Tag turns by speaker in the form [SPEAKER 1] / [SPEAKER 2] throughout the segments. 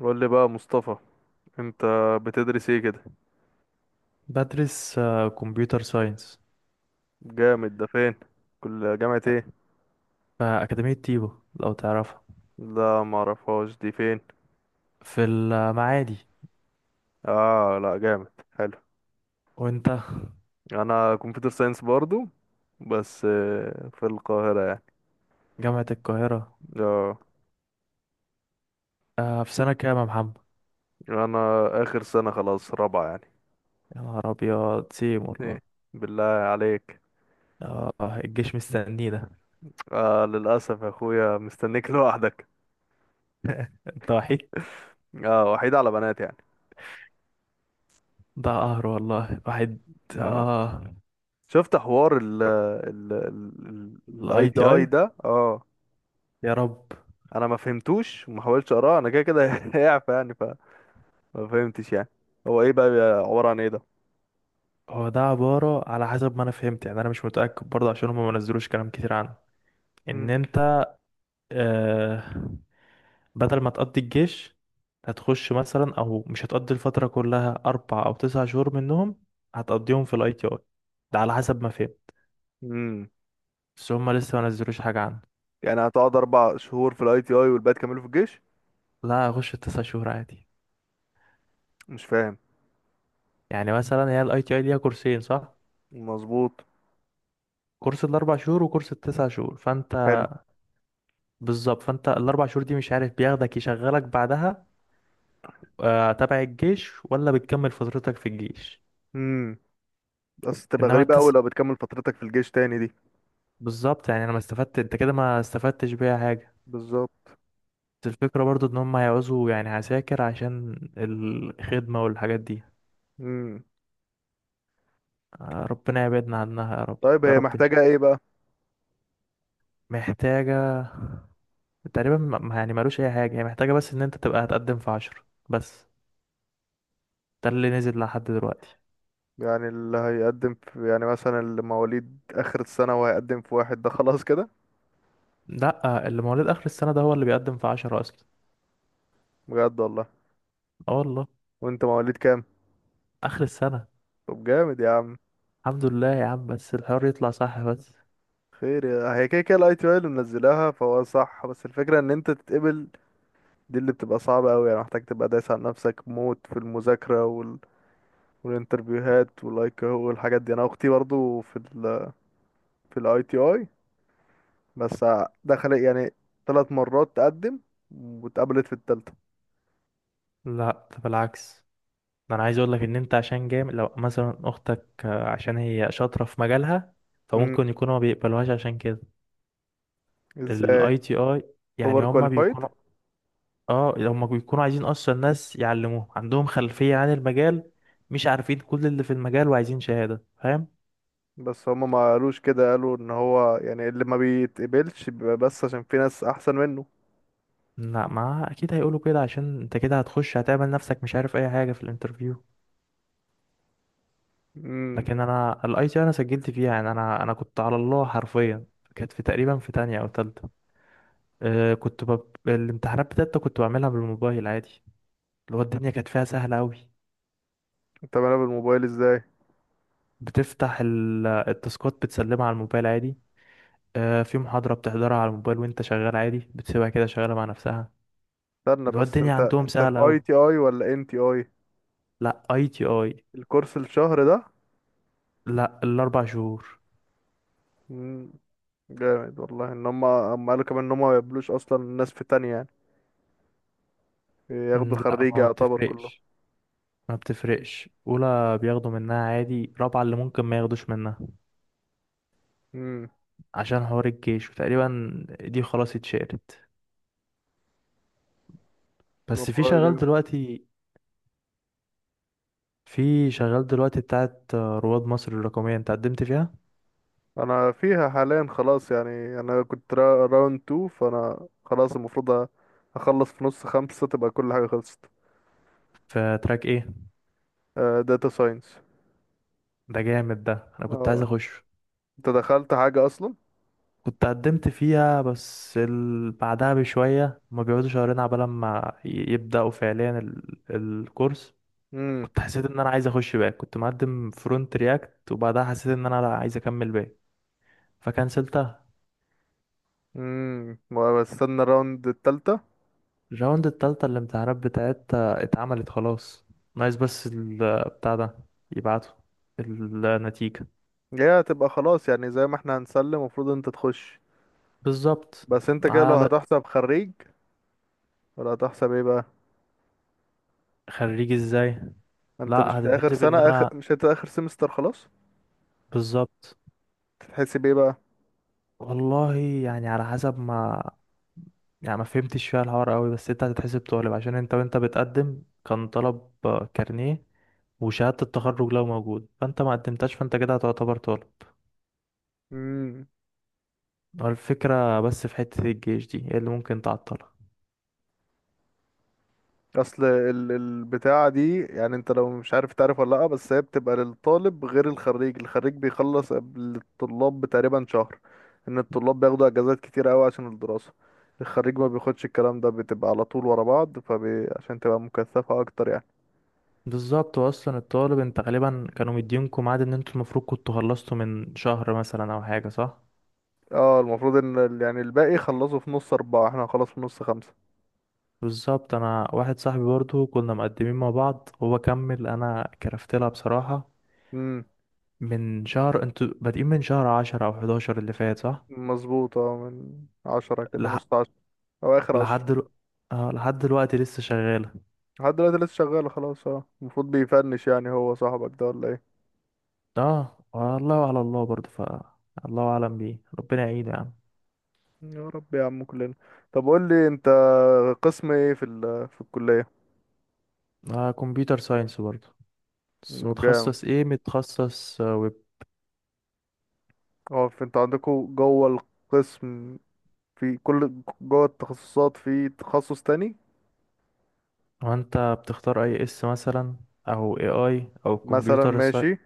[SPEAKER 1] قول لي بقى مصطفى، انت بتدرس ايه كده؟
[SPEAKER 2] بدرس كمبيوتر ساينس
[SPEAKER 1] جامد، ده فين؟ كل جامعة ايه؟
[SPEAKER 2] في أكاديمية تيبو. لو تعرفها.
[SPEAKER 1] لا، ما اعرفهاش، دي فين؟
[SPEAKER 2] في المعادي.
[SPEAKER 1] اه لا، جامد، حلو.
[SPEAKER 2] وانت؟
[SPEAKER 1] انا كمبيوتر ساينس برضو، بس في القاهرة يعني.
[SPEAKER 2] جامعة القاهرة.
[SPEAKER 1] اه،
[SPEAKER 2] في سنة كام يا محمد؟
[SPEAKER 1] انا اخر سنة، خلاص رابعة يعني.
[SPEAKER 2] يا نهار أبيض، سيم والله.
[SPEAKER 1] ايه؟ بالله عليك.
[SPEAKER 2] آه. الجيش مستنينا.
[SPEAKER 1] للاسف يا اخويا مستنيك لوحدك.
[SPEAKER 2] انت وحيد.
[SPEAKER 1] اه، وحيد على بنات يعني.
[SPEAKER 2] ده قهر والله، واحد.
[SPEAKER 1] اه،
[SPEAKER 2] اه.
[SPEAKER 1] شفت حوار ال ال ال الاي
[SPEAKER 2] الاي
[SPEAKER 1] تي
[SPEAKER 2] تي اي.
[SPEAKER 1] اي ده؟ اه،
[SPEAKER 2] يا رب.
[SPEAKER 1] انا ما فهمتوش وما حاولتش اقراه، انا كده كده هيعفى يعني، فما فهمتش يعني. هو ايه بقى، عباره عن ايه ده؟
[SPEAKER 2] هو ده عبارة على حسب ما انا فهمت، يعني انا مش متأكد برضه عشان هم ما نزلوش كلام كتير عنه. ان
[SPEAKER 1] امم
[SPEAKER 2] انت آه بدل ما تقضي الجيش هتخش مثلا، او مش هتقضي الفترة كلها، 4 او 9 شهور منهم هتقضيهم في الاي تي اي. ده على حسب ما فهمت.
[SPEAKER 1] امم
[SPEAKER 2] بس هما لسه ما نزلوش حاجة عنه.
[SPEAKER 1] يعني هتقعد 4 شهور في الاي تي اي والباقي تكمله في الجيش؟
[SPEAKER 2] لا، هخش ال9 شهور عادي.
[SPEAKER 1] مش فاهم.
[SPEAKER 2] يعني مثلا هي الاي تي اي ليها كورسين صح؟
[SPEAKER 1] مظبوط.
[SPEAKER 2] كورس ال4 شهور وكورس ال9 شهور فانت.
[SPEAKER 1] حلو.
[SPEAKER 2] بالظبط، فانت ال4 شهور دي مش عارف بياخدك يشغلك بعدها تبع الجيش ولا بتكمل فترتك في الجيش.
[SPEAKER 1] امم بس تبقى
[SPEAKER 2] انما
[SPEAKER 1] غريبه قوي
[SPEAKER 2] التس
[SPEAKER 1] لو بتكمل فترتك في الجيش تاني دي.
[SPEAKER 2] بالظبط، يعني انا ما استفدت، انت كده ما استفدتش بيها حاجة.
[SPEAKER 1] بالظبط.
[SPEAKER 2] بس الفكرة برضو ان هم هيعوزوا يعني عساكر عشان الخدمة والحاجات دي.
[SPEAKER 1] امم
[SPEAKER 2] ربنا يبعدنا عنها يا رب.
[SPEAKER 1] طيب
[SPEAKER 2] يا
[SPEAKER 1] هي
[SPEAKER 2] رب نشوف.
[SPEAKER 1] محتاجه ايه بقى؟
[SPEAKER 2] محتاجة تقريبا يعني مالوش اي حاجة هي محتاجة، بس ان انت تبقى هتقدم في 10 بس. ده اللي نزل لحد دلوقتي.
[SPEAKER 1] يعني اللي هيقدم في، يعني مثلا اللي مواليد اخر السنه وهيقدم في واحد، ده خلاص كده؟
[SPEAKER 2] لا، اللي مواليد اخر السنة ده هو اللي بيقدم في 10 اصلا.
[SPEAKER 1] بجد والله؟
[SPEAKER 2] اه والله.
[SPEAKER 1] وانت مواليد كام؟
[SPEAKER 2] اخر السنة.
[SPEAKER 1] طب جامد يا عم.
[SPEAKER 2] الحمد لله يا عم، بس الحوار يطلع صح بس.
[SPEAKER 1] هي كده كده الاي تي اي اللي منزلاها فهو صح، بس الفكره ان انت تتقبل، دي اللي بتبقى صعبه قوي يعني. محتاج تبقى دايس على نفسك موت في المذاكره والانترفيوهات واللايك والحاجات دي. انا اختي برضو في في الاي تي اي، بس دخلت يعني 3 مرات تقدم واتقبلت في الثالثه.
[SPEAKER 2] لا، ده بالعكس. ده انا عايز اقول لك ان انت عشان جامد. لو مثلا اختك عشان هي شاطره في مجالها
[SPEAKER 1] امم
[SPEAKER 2] فممكن يكونوا ما بيقبلوهاش عشان كده.
[SPEAKER 1] ازاي؟
[SPEAKER 2] الاي تي اي. يعني
[SPEAKER 1] اوفر
[SPEAKER 2] هم
[SPEAKER 1] كواليفايد؟
[SPEAKER 2] بيكونوا. اه، هم بيكونوا عايزين اصلا ناس يعلموهم، عندهم خلفيه عن المجال، مش عارفين كل اللي في المجال، وعايزين شهاده، فاهم.
[SPEAKER 1] بس هما ما قالوش كده، قالوا ان هو يعني اللي ما بيتقبلش بيبقى بس عشان في ناس احسن منه.
[SPEAKER 2] لا، ما اكيد هيقولوا كده، عشان انت كده هتخش هتعمل نفسك مش عارف اي حاجه في الانترفيو.
[SPEAKER 1] امم
[SPEAKER 2] لكن انا الاي تي انا سجلت فيها، يعني انا كنت على الله حرفيا. كانت في تقريبا في تانية او تالتة. الامتحانات بتاعتي كنت بعملها بالموبايل عادي. اللي هو الدنيا كانت فيها سهلة أوي.
[SPEAKER 1] انت بقى بالموبايل ازاي؟
[SPEAKER 2] بتفتح التاسكات، بتسلمها على الموبايل عادي. في محاضرة بتحضرها على الموبايل وانت شغال عادي، بتسيبها كده شغالة مع نفسها.
[SPEAKER 1] استنى
[SPEAKER 2] اللي هو
[SPEAKER 1] بس،
[SPEAKER 2] الدنيا
[SPEAKER 1] انت
[SPEAKER 2] عندهم
[SPEAKER 1] انت في
[SPEAKER 2] سهلة
[SPEAKER 1] اي
[SPEAKER 2] أوي.
[SPEAKER 1] تي اي ولا ان تي اي؟
[SPEAKER 2] لا، اي تي اي.
[SPEAKER 1] الكورس الشهر ده؟
[SPEAKER 2] لا، ال4 شهور.
[SPEAKER 1] مم، جامد والله. ان هم قالوا كمان ان هم ما يقبلوش اصلا الناس في تانية يعني، ياخدوا
[SPEAKER 2] لا،
[SPEAKER 1] خريجة
[SPEAKER 2] هو ما
[SPEAKER 1] يعتبر كلهم.
[SPEAKER 2] بتفرقش. ما بتفرقش، أولى بياخدوا منها عادي، رابعة اللي ممكن ما ياخدوش منها.
[SPEAKER 1] امم
[SPEAKER 2] عشان حوار الجيش، وتقريبا دي خلاص اتشالت. بس في
[SPEAKER 1] والله
[SPEAKER 2] شغال
[SPEAKER 1] جامد.
[SPEAKER 2] دلوقتي. في شغال دلوقتي بتاعت رواد مصر الرقمية، انت قدمت فيها؟
[SPEAKER 1] انا فيها حاليا خلاص يعني، انا كنت راوند 2، فانا خلاص المفروض اخلص في 5:30، تبقى كل حاجة خلصت.
[SPEAKER 2] في تراك ايه؟
[SPEAKER 1] داتا ساينس.
[SPEAKER 2] ده جامد ده. انا كنت
[SPEAKER 1] اه،
[SPEAKER 2] عايز اخش.
[SPEAKER 1] انت دخلت حاجة اصلا؟
[SPEAKER 2] كنت قدمت فيها بس بعدها بشوية هما بيقعدوا شهرين عبال ما يبدأوا فعليا الكورس.
[SPEAKER 1] امم
[SPEAKER 2] كنت حسيت ان انا عايز اخش باك، كنت مقدم فرونت رياكت، وبعدها حسيت ان انا لا عايز اكمل باك، فكنسلتها.
[SPEAKER 1] امم بستنى الراوند التالتة.
[SPEAKER 2] الراوند التالتة الامتحانات بتاعتها اتعملت خلاص. ناقص بس بتاع ده، يبعتوا النتيجة.
[SPEAKER 1] هي هتبقى خلاص يعني زي ما احنا هنسلم، المفروض انت تخش.
[SPEAKER 2] بالظبط.
[SPEAKER 1] بس انت كده لو
[SPEAKER 2] على.
[SPEAKER 1] هتحسب خريج ولا هتحسب ايه بقى؟
[SPEAKER 2] خريج ازاي؟ لا،
[SPEAKER 1] انت مش في اخر
[SPEAKER 2] هتتحسب ان
[SPEAKER 1] سنة، اخر،
[SPEAKER 2] انا.
[SPEAKER 1] مش انت اخر سمستر خلاص؟
[SPEAKER 2] بالظبط.
[SPEAKER 1] تتحسب ايه بقى؟
[SPEAKER 2] والله يعني على حسب ما، يعني ما فهمتش فيها الحوار قوي، بس انت هتتحسب طالب عشان انت، وانت بتقدم كان طلب كارنيه وشهادة التخرج لو موجود، فانت ما قدمتش فانت كده هتعتبر طالب.
[SPEAKER 1] امم
[SPEAKER 2] هو الفكرة بس في حتة الجيش دي هي اللي ممكن تعطلك.
[SPEAKER 1] اصل البتاعة دي، يعني انت لو مش عارف تعرف ولا لا، بس هي بتبقى للطالب غير الخريج. الخريج بيخلص قبل الطلاب بتقريبا شهر، ان الطلاب بياخدوا اجازات كتير قوي عشان الدراسة، الخريج ما بياخدش الكلام ده، بتبقى على طول ورا بعض، عشان تبقى مكثفة اكتر يعني.
[SPEAKER 2] بالظبط، واصلا الطالب انت غالبا كانوا مدينكم ميعاد ان انتوا المفروض كنتوا خلصتوا من شهر مثلا، او حاجة، صح.
[SPEAKER 1] اه المفروض ان يعني الباقي خلصوا في 4:30، احنا هنخلص في 5:30.
[SPEAKER 2] بالظبط. انا واحد صاحبي برضه كنا مقدمين مع بعض، هو كمل انا كرفت لها بصراحة.
[SPEAKER 1] امم
[SPEAKER 2] من شهر انتوا بادئين، من شهر 10 او 11 اللي فات، صح.
[SPEAKER 1] مظبوط، اه، من 10 كده،
[SPEAKER 2] لح...
[SPEAKER 1] نص 10 أو آخر
[SPEAKER 2] لحد
[SPEAKER 1] عشرة
[SPEAKER 2] دل... لحد دلوقتي لسه شغالة.
[SPEAKER 1] لحد دلوقتي لسه شغال خلاص. اه المفروض بيفنش يعني. هو صاحبك ده ولا ايه؟
[SPEAKER 2] اه والله، على الله برضه، الله اعلم بيه، ربنا يعينه يا عم.
[SPEAKER 1] يا رب يا عم، كلنا. طب قول لي انت، قسم ايه في في الكلية؟
[SPEAKER 2] كمبيوتر ساينس برضه. بس
[SPEAKER 1] انه جامد.
[SPEAKER 2] متخصص ايه؟ متخصص ويب.
[SPEAKER 1] اه، انت عندكوا جوه القسم، في كل جوه التخصصات، في تخصص تاني؟
[SPEAKER 2] وانت بتختار اي اس مثلا، او اي اي، او
[SPEAKER 1] مثلا
[SPEAKER 2] كمبيوتر ساينس.
[SPEAKER 1] ماشي.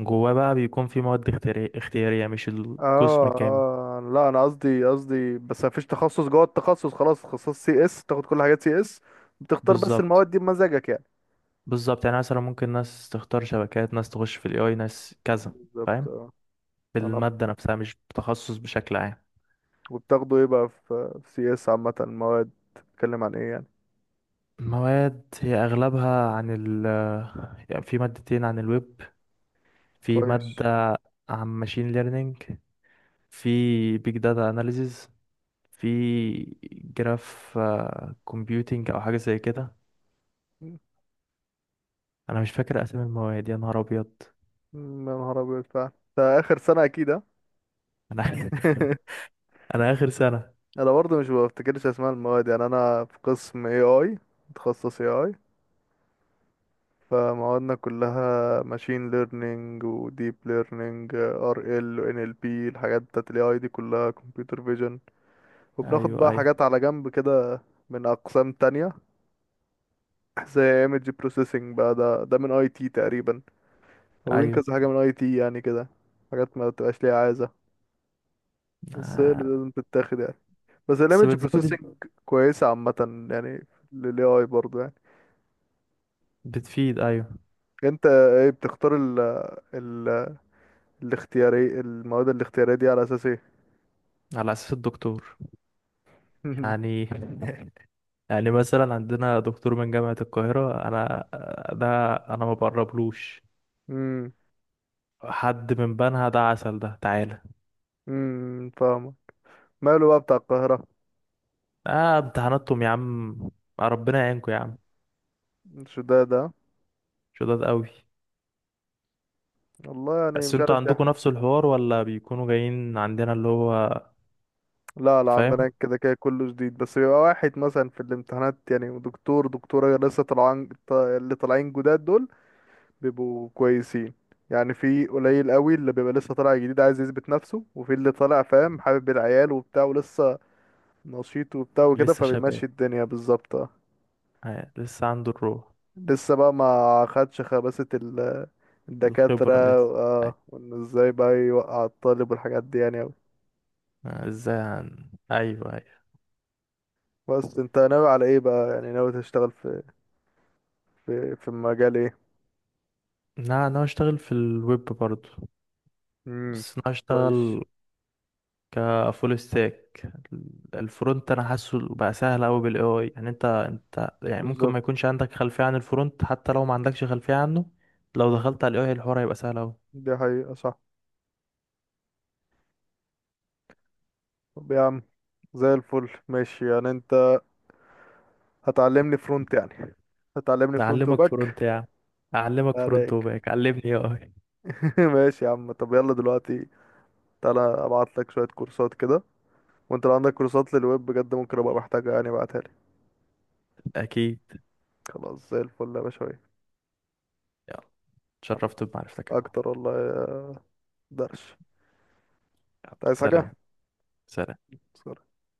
[SPEAKER 2] جواه بقى بيكون في مواد اختيارية، مش القسم
[SPEAKER 1] اه
[SPEAKER 2] كامل.
[SPEAKER 1] اه، لا انا قصدي بس، مفيش تخصص جوه التخصص، خلاص تخصص سي اس تاخد كل حاجات سي اس، بتختار بس
[SPEAKER 2] بالظبط.
[SPEAKER 1] المواد دي بمزاجك يعني.
[SPEAKER 2] بالظبط، يعني مثلا ممكن ناس تختار شبكات، ناس تخش في الاي اي، ناس كذا،
[SPEAKER 1] بالظبط.
[SPEAKER 2] فاهم.
[SPEAKER 1] آه. انا
[SPEAKER 2] بالمادة نفسها، مش بتخصص بشكل عام.
[SPEAKER 1] وبتاخده ايه بقى في في سي اس عامة؟ المواد بتتكلم عن ايه يعني؟
[SPEAKER 2] مواد هي اغلبها عن يعني في مادتين عن الويب. في
[SPEAKER 1] كويس.
[SPEAKER 2] مادة عن ماشين ليرنينج. في بيج داتا اناليزيز. في جراف كومبيوتينج او حاجة زي كده.
[SPEAKER 1] مم.
[SPEAKER 2] انا مش فاكر اسامي المواد، يا نهار ابيض.
[SPEAKER 1] يا نهار ابيض فعلا. ده اخر سنة اكيد، ها؟
[SPEAKER 2] انا انا اخر سنة.
[SPEAKER 1] انا برضه مش بفتكرش اسماء المواد يعني. انا في قسم اي اي، متخصص اي اي، فموادنا كلها ماشين ليرنينج وديب ليرنينج ار ال وان ال بي، الحاجات بتاعت الاي اي دي كلها، كمبيوتر فيجن. وبناخد
[SPEAKER 2] ايوه،
[SPEAKER 1] بقى
[SPEAKER 2] ايوه،
[SPEAKER 1] حاجات على جنب كده من اقسام تانية، زي ايمج بروسيسنج بقى، ده من اي تي تقريبا، واخدين
[SPEAKER 2] ايوه.
[SPEAKER 1] كذا حاجة من اي تي يعني كده، حاجات ما بتبقاش ليها عايزة، بس هي اللي
[SPEAKER 2] آه.
[SPEAKER 1] لازم تتاخد يعني. بس
[SPEAKER 2] بس
[SPEAKER 1] الايمج
[SPEAKER 2] بتزود.
[SPEAKER 1] بروسيسنج كويسة عامة يعني، للاي اي برضه يعني.
[SPEAKER 2] بتفيد، ايوه.
[SPEAKER 1] انت ايه بتختار ال ال الاختياري، المواد الاختيارية دي على اساس ايه؟
[SPEAKER 2] على اساس الدكتور. يعني، يعني مثلا عندنا دكتور من جامعة القاهرة انا ده، انا ما بقربلوش.
[SPEAKER 1] امم
[SPEAKER 2] حد من بنها ده عسل، ده تعالى.
[SPEAKER 1] فاهمة. ماله بقى بتاع القاهرة؟
[SPEAKER 2] اه، امتحاناتكم يا عم. ربنا يعينكم يا عم.
[SPEAKER 1] مش ده
[SPEAKER 2] شداد قوي.
[SPEAKER 1] والله يعني،
[SPEAKER 2] بس
[SPEAKER 1] مش
[SPEAKER 2] انتوا
[SPEAKER 1] عارف
[SPEAKER 2] عندكم
[SPEAKER 1] ده.
[SPEAKER 2] نفس الحوار، ولا بيكونوا جايين عندنا، اللي هو.
[SPEAKER 1] لا لا، عندنا
[SPEAKER 2] فاهم.
[SPEAKER 1] كده كده كله جديد، بس بيبقى واحد مثلا في الامتحانات يعني. ودكتور دكتورة لسه طالعين، اللي طالعين جداد دول بيبقوا كويسين يعني. في قليل قوي اللي بيبقى لسه طالع جديد عايز يثبت نفسه، وفي اللي طالع فاهم حابب العيال وبتاع ولسه نشيط وبتاع وكده،
[SPEAKER 2] لسه شباب.
[SPEAKER 1] فبيمشي الدنيا بالظبط.
[SPEAKER 2] لسه عنده الروح.
[SPEAKER 1] لسه بقى ما خدش خباثة الدكاترة،
[SPEAKER 2] الخبرة لسه. أيوة.
[SPEAKER 1] اه، وان ازاي بقى يوقع الطالب والحاجات دي يعني اوي.
[SPEAKER 2] ايوه، ايوه.
[SPEAKER 1] بس انت ناوي على ايه بقى؟ يعني ناوي تشتغل في في مجال ايه؟
[SPEAKER 2] لا، انا هشتغل في الويب برضو.
[SPEAKER 1] امم
[SPEAKER 2] بس انا
[SPEAKER 1] كويس.
[SPEAKER 2] هشتغل كفول ستاك. الفرونت انا حاسه بقى سهل قوي بالاي اي، يعني انت يعني ممكن ما
[SPEAKER 1] بالظبط.
[SPEAKER 2] يكونش عندك خلفيه عن الفرونت، حتى لو ما عندكش خلفيه عنه، لو دخلت على الاي اي الحوار هيبقى سهل قوي.
[SPEAKER 1] دي حقيقة صح. طب يا عم زي الفل، ماشي يعني. انت هتعلمني فرونت يعني، هتعلمني فرونت
[SPEAKER 2] اعلمك
[SPEAKER 1] وباك.
[SPEAKER 2] فرونت يا عم. اعلمك فرونت
[SPEAKER 1] عليك.
[SPEAKER 2] وباك، علمني اي اي.
[SPEAKER 1] ماشي يا عم، طب يلا دلوقتي تعالى ابعت لك شوية كورسات كده، وانت لو عندك كورسات للويب بجد ممكن ابقى محتاجها يعني، ابعتها لي.
[SPEAKER 2] اكيد.
[SPEAKER 1] خلاص، زي الفل يا باشا.
[SPEAKER 2] يلا. اتشرفت بمعرفتك يا عم.
[SPEAKER 1] اكتر والله يا درش.
[SPEAKER 2] يلا،
[SPEAKER 1] أنت عايز
[SPEAKER 2] سلام.
[SPEAKER 1] حاجة؟
[SPEAKER 2] سلام.